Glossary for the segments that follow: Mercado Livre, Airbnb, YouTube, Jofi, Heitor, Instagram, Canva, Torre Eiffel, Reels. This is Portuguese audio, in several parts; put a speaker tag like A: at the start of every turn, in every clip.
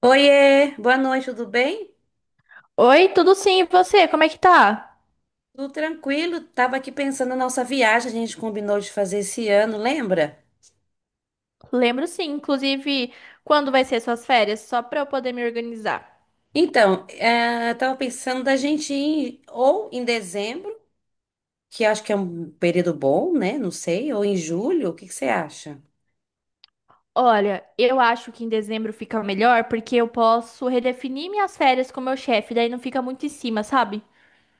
A: Oiê, boa noite, tudo bem?
B: Oi, tudo sim, e você? Como é que tá?
A: Tudo tranquilo? Tava aqui pensando na nossa viagem, a gente combinou de fazer esse ano, lembra?
B: Lembro sim, inclusive, quando vai ser suas férias, só pra eu poder me organizar.
A: Então, tava pensando da gente ir ou em dezembro, que acho que é um período bom, né? Não sei, ou em julho, o que que você acha?
B: Olha, eu acho que em dezembro fica melhor porque eu posso redefinir minhas férias com meu chefe, daí não fica muito em cima, sabe?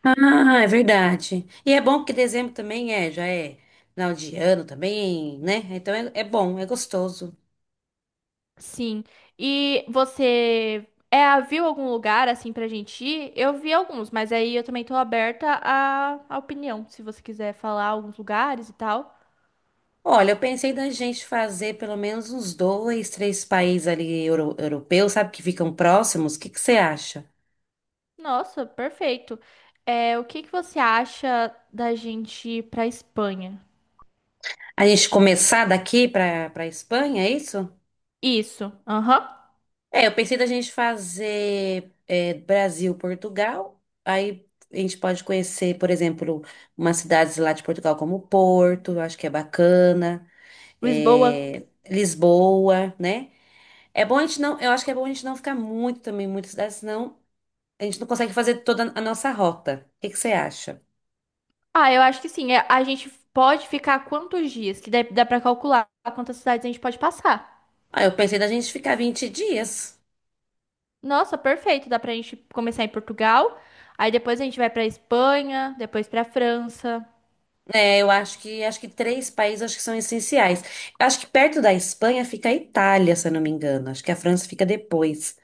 A: Ah, é verdade. E é bom porque dezembro também é, já é final de ano também, né? Então é, é bom, é gostoso.
B: Sim. E você viu algum lugar assim pra gente ir? Eu vi alguns, mas aí eu também tô aberta à opinião, se você quiser falar alguns lugares e tal.
A: Olha, eu pensei da gente fazer pelo menos uns dois, três países ali europeus, sabe, que ficam próximos. O que que você acha?
B: Nossa, perfeito. É, o que que você acha da gente ir pra Espanha?
A: A gente começar daqui para Espanha, é isso?
B: Isso. Aham.
A: É, eu pensei da gente fazer Brasil, Portugal. Aí a gente pode conhecer, por exemplo, umas cidades lá de Portugal como Porto, eu acho que é bacana.
B: Lisboa.
A: é, Lisboa, né? É bom a gente não, eu acho que é bom a gente não ficar muito também, em muitas cidades, senão a gente não consegue fazer toda a nossa rota. O que que você acha?
B: Ah, eu acho que sim. É, a gente pode ficar quantos dias? Que dá pra calcular quantas cidades a gente pode passar.
A: Ah, eu pensei da gente ficar 20 dias.
B: Nossa, perfeito. Dá pra gente começar em Portugal. Aí depois a gente vai pra Espanha, depois pra França.
A: É, eu acho que três países acho que são essenciais. Eu acho que perto da Espanha fica a Itália, se eu não me engano. Acho que a França fica depois.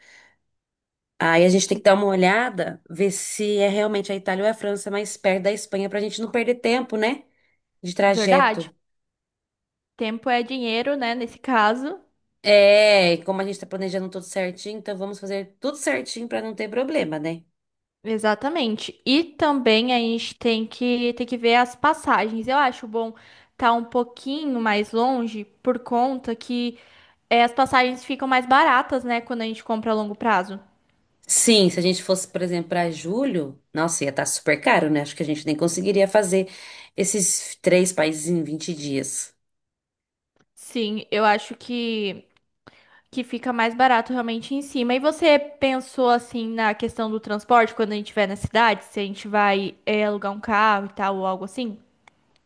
A: Aí a gente tem que dar uma olhada, ver se é realmente a Itália ou a França mais perto da Espanha pra gente não perder tempo, né? De
B: Verdade?
A: trajeto.
B: Tempo é dinheiro, né? Nesse caso.
A: É, e como a gente tá planejando tudo certinho, então vamos fazer tudo certinho pra não ter problema, né?
B: Exatamente. E também a gente tem que ver as passagens. Eu acho bom estar um pouquinho mais longe por conta que as passagens ficam mais baratas, né, quando a gente compra a longo prazo.
A: Sim, se a gente fosse, por exemplo, para julho, nossa, ia estar super caro, né? Acho que a gente nem conseguiria fazer esses três países em 20 dias.
B: Sim, eu acho que fica mais barato realmente em cima. E você pensou assim na questão do transporte quando a gente estiver na cidade, se a gente vai alugar um carro e tal ou algo assim?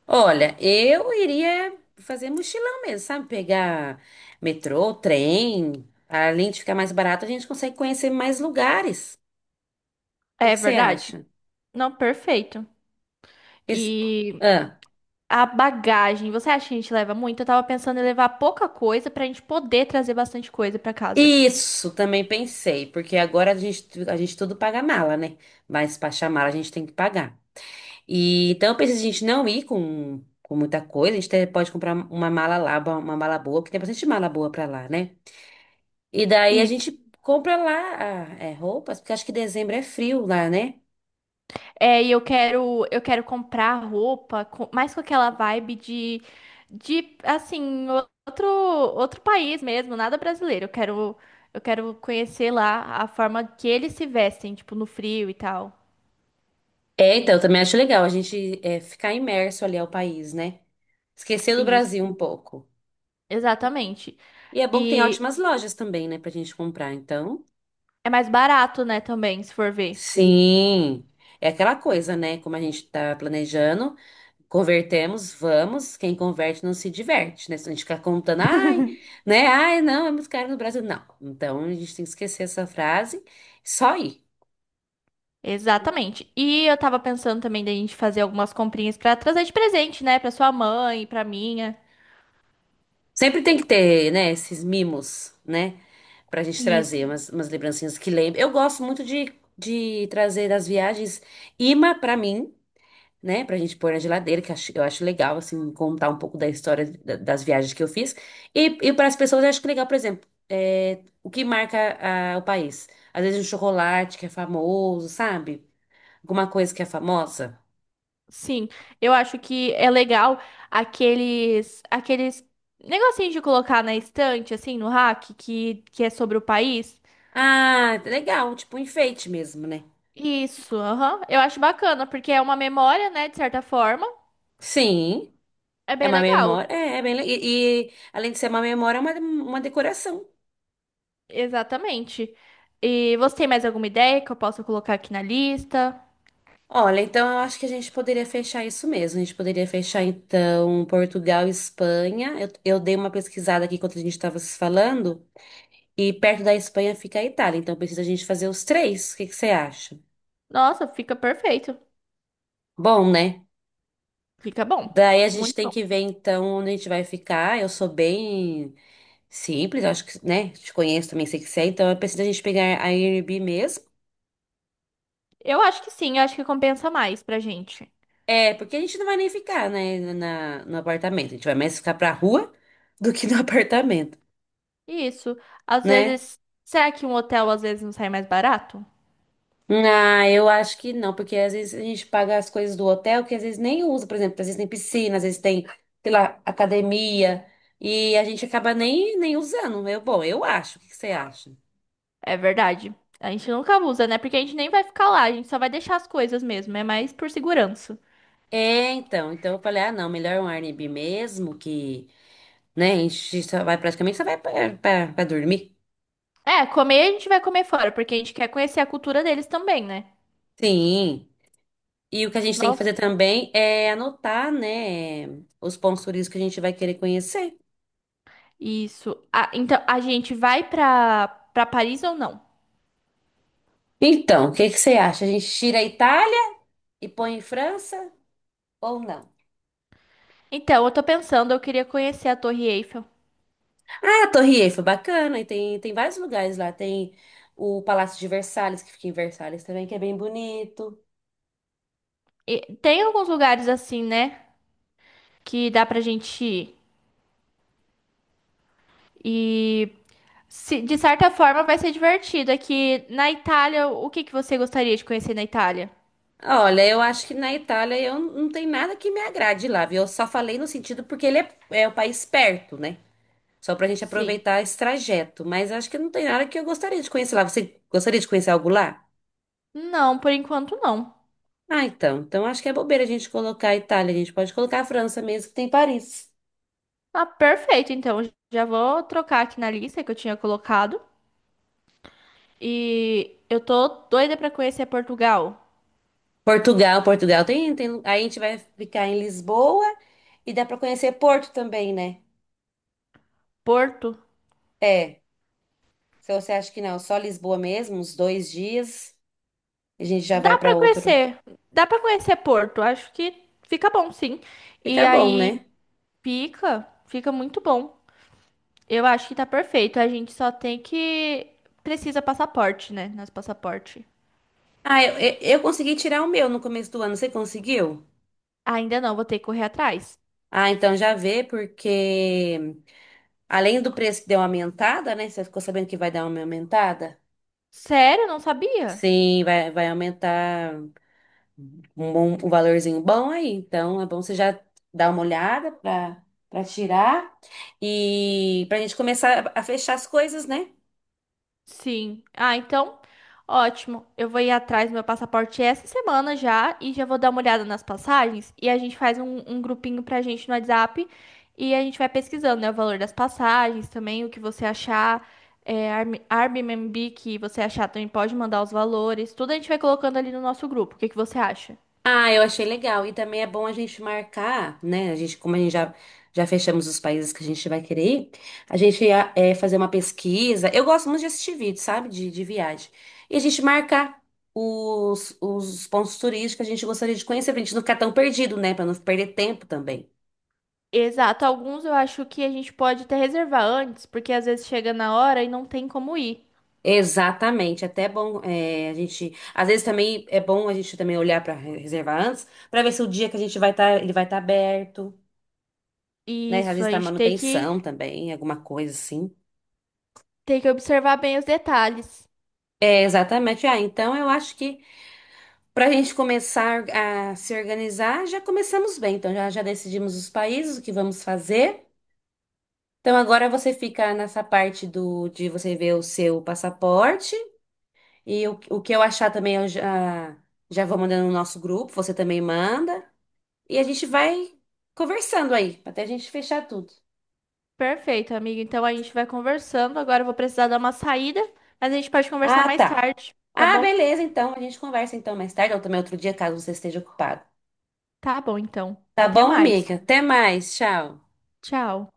A: Olha, eu iria fazer mochilão mesmo, sabe? Pegar metrô, trem. Além de ficar mais barato, a gente consegue conhecer mais lugares. O que
B: É
A: que você
B: verdade?
A: acha?
B: Não, perfeito.
A: Esse-
B: E
A: Ah,
B: a bagagem, você acha que a gente leva muito? Eu tava pensando em levar pouca coisa pra gente poder trazer bastante coisa pra casa.
A: isso, também pensei, porque agora a gente tudo paga mala, né? Mas para chamar a gente tem que pagar. E então eu pensei a gente não ir com muita coisa, a gente até pode comprar uma mala lá, uma mala boa, porque tem bastante mala boa pra lá, né? E daí a
B: Isso.
A: gente compra lá roupas, porque acho que dezembro é frio lá, né?
B: É, e eu quero comprar roupa, mais com aquela vibe de assim, outro país mesmo, nada brasileiro. Eu quero conhecer lá a forma que eles se vestem, tipo, no frio e tal.
A: É, então, eu também acho legal a gente ficar imerso ali ao país, né? Esquecer do
B: Isso.
A: Brasil um pouco.
B: Exatamente.
A: E é bom que tem
B: E
A: ótimas lojas também, né, pra gente comprar, então.
B: é mais barato, né, também, se for ver.
A: Sim, é aquela coisa, né? Como a gente tá planejando, convertemos, vamos, quem converte não se diverte, né? Se a gente ficar contando, ai, né? Ai, não, é muito caro no Brasil. Não, então a gente tem que esquecer essa frase, só ir.
B: Exatamente. E eu tava pensando também da gente fazer algumas comprinhas pra trazer de presente, né, pra sua mãe, pra minha.
A: Sempre tem que ter, né, esses mimos, né? Pra gente
B: Isso.
A: trazer umas lembrancinhas que lembram. Eu gosto muito de trazer das viagens imã pra mim. Né, pra gente pôr na geladeira, eu acho legal, assim, contar um pouco da história das viagens que eu fiz. E para as pessoas, eu acho que legal, por exemplo, o que marca o país. Às vezes um chocolate que é famoso, sabe? Alguma coisa que é famosa.
B: Sim. Eu acho que é legal aqueles negocinhos de colocar na estante assim, no rack, que é sobre o país.
A: Ah, legal, tipo um enfeite mesmo, né?
B: Isso, aham. Eu acho bacana, porque é uma memória, né, de certa forma.
A: Sim,
B: É
A: é
B: bem
A: uma
B: legal.
A: memória, é bem legal. E além de ser uma memória, é uma decoração.
B: Exatamente. E você tem mais alguma ideia que eu possa colocar aqui na lista?
A: Olha, então eu acho que a gente poderia fechar isso mesmo. A gente poderia fechar, então, Portugal e Espanha. Eu dei uma pesquisada aqui enquanto a gente estava se falando, e perto da Espanha fica a Itália, então precisa a gente fazer os três. O que que você acha?
B: Nossa, fica perfeito.
A: Bom, né?
B: Fica bom.
A: Daí a gente tem
B: Muito.
A: que ver, então, onde a gente vai ficar. Eu sou bem simples, acho que, né? Te conheço também, sei que você é, então é preciso a gente pegar a Airbnb mesmo.
B: Eu acho que sim, eu acho que compensa mais pra gente.
A: É, porque a gente não vai nem ficar, né, no apartamento. A gente vai mais ficar pra rua do que no apartamento,
B: Isso. Às
A: né?
B: vezes, será que um hotel às vezes não sai mais barato?
A: Ah, eu acho que não, porque às vezes a gente paga as coisas do hotel que às vezes nem usa, por exemplo, às vezes tem piscina, às vezes tem, sei lá, academia, e a gente acaba nem usando. Eu, bom, eu acho. O que que você acha?
B: É verdade. A gente nunca usa, né? Porque a gente nem vai ficar lá, a gente só vai deixar as coisas mesmo, é mais por segurança.
A: É, então eu falei, ah, não, melhor um Airbnb mesmo, que, né, a gente só vai praticamente só vai pra dormir.
B: É, comer a gente vai comer fora, porque a gente quer conhecer a cultura deles também, né?
A: Sim. E o que a gente tem que
B: Nossa.
A: fazer também é anotar, né, os pontos turísticos que a gente vai querer conhecer.
B: Isso. Ah, então, a gente vai pra, pra Paris ou não?
A: Então, o que que você acha? A gente tira a Itália e põe em França? Ou não.
B: Então, eu tô pensando, eu queria conhecer a Torre Eiffel.
A: Ah, a Torre Eiffel, bacana. E tem vários lugares lá. Tem o Palácio de Versalhes, que fica em Versalhes também, que é bem bonito.
B: E tem alguns lugares assim, né? Que dá pra gente ir. De certa forma vai ser divertido. Aqui na Itália, o que que você gostaria de conhecer na Itália?
A: Olha, eu acho que na Itália não tem nada que me agrade lá, viu? Eu só falei no sentido porque ele é o país perto, né? Só pra gente
B: Sim.
A: aproveitar esse trajeto. Mas acho que não tem nada que eu gostaria de conhecer lá. Você gostaria de conhecer algo lá?
B: Não, por enquanto não.
A: Ah, então. Então acho que é bobeira a gente colocar a Itália. A gente pode colocar a França mesmo, que tem Paris.
B: Ah, perfeito. Então, já vou trocar aqui na lista que eu tinha colocado. E eu tô doida pra conhecer Portugal.
A: Portugal, Portugal tem. Aí a gente vai ficar em Lisboa e dá para conhecer Porto também, né?
B: Porto?
A: É. Se você acha que não, só Lisboa mesmo, uns dois dias, a gente já vai
B: Dá
A: para
B: pra
A: outro.
B: conhecer. Dá pra conhecer Porto. Acho que fica bom, sim. E
A: Fica bom,
B: aí
A: né?
B: fica, fica muito bom. Eu acho que tá perfeito. A gente só tem que Precisa passaporte, né? Nosso passaporte.
A: Ah, eu consegui tirar o meu no começo do ano. Você conseguiu?
B: Ainda não, vou ter que correr atrás.
A: Ah, então já vê, porque além do preço que deu uma aumentada, né? Você ficou sabendo que vai dar uma aumentada?
B: Sério? Não sabia?
A: Sim, vai aumentar. Um, um valorzinho bom aí. Então, é bom você já dar uma olhada para tirar e para a gente começar a fechar as coisas, né?
B: Sim. Ah, então, ótimo. Eu vou ir atrás do meu passaporte essa semana já e já vou dar uma olhada nas passagens e a gente faz um grupinho pra gente no WhatsApp e a gente vai pesquisando, né, o valor das passagens também, o que você achar, Airbnb que você achar também pode mandar os valores, tudo a gente vai colocando ali no nosso grupo. O que que você acha?
A: Ah, eu achei legal. E também é bom a gente marcar, né? A gente, como a gente já fechamos os países que a gente vai querer ir, a gente ia, fazer uma pesquisa. Eu gosto muito de assistir vídeo, sabe? De viagem. E a gente marcar os pontos turísticos que a gente gostaria de conhecer, pra gente não ficar tão perdido, né? Pra não perder tempo também.
B: Exato, alguns eu acho que a gente pode até reservar antes, porque às vezes chega na hora e não tem como ir.
A: Exatamente, até é bom a gente, às vezes também é bom a gente também olhar para reservar antes, para ver se o dia que a gente vai estar, ele vai estar aberto, né? Às
B: Isso,
A: vezes
B: a
A: tá
B: gente
A: manutenção também, alguma coisa assim.
B: tem que observar bem os detalhes.
A: É, exatamente. Ah, então eu acho que para a gente começar a se organizar, já começamos bem. Então já decidimos os países, o que vamos fazer. Então agora você fica nessa parte do de você ver o seu passaporte e o que eu achar também eu já vou mandando no nosso grupo, você também manda. E a gente vai conversando aí, até a gente fechar tudo.
B: Perfeito, amigo. Então a gente vai conversando. Agora eu vou precisar dar uma saída, mas a gente pode conversar
A: Ah,
B: mais
A: tá.
B: tarde, tá
A: Ah,
B: bom?
A: beleza, então. A gente conversa então mais tarde ou também outro dia, caso você esteja ocupado.
B: Tá bom, então.
A: Tá
B: Até
A: bom,
B: mais.
A: amiga? Até mais. Tchau.
B: Tchau.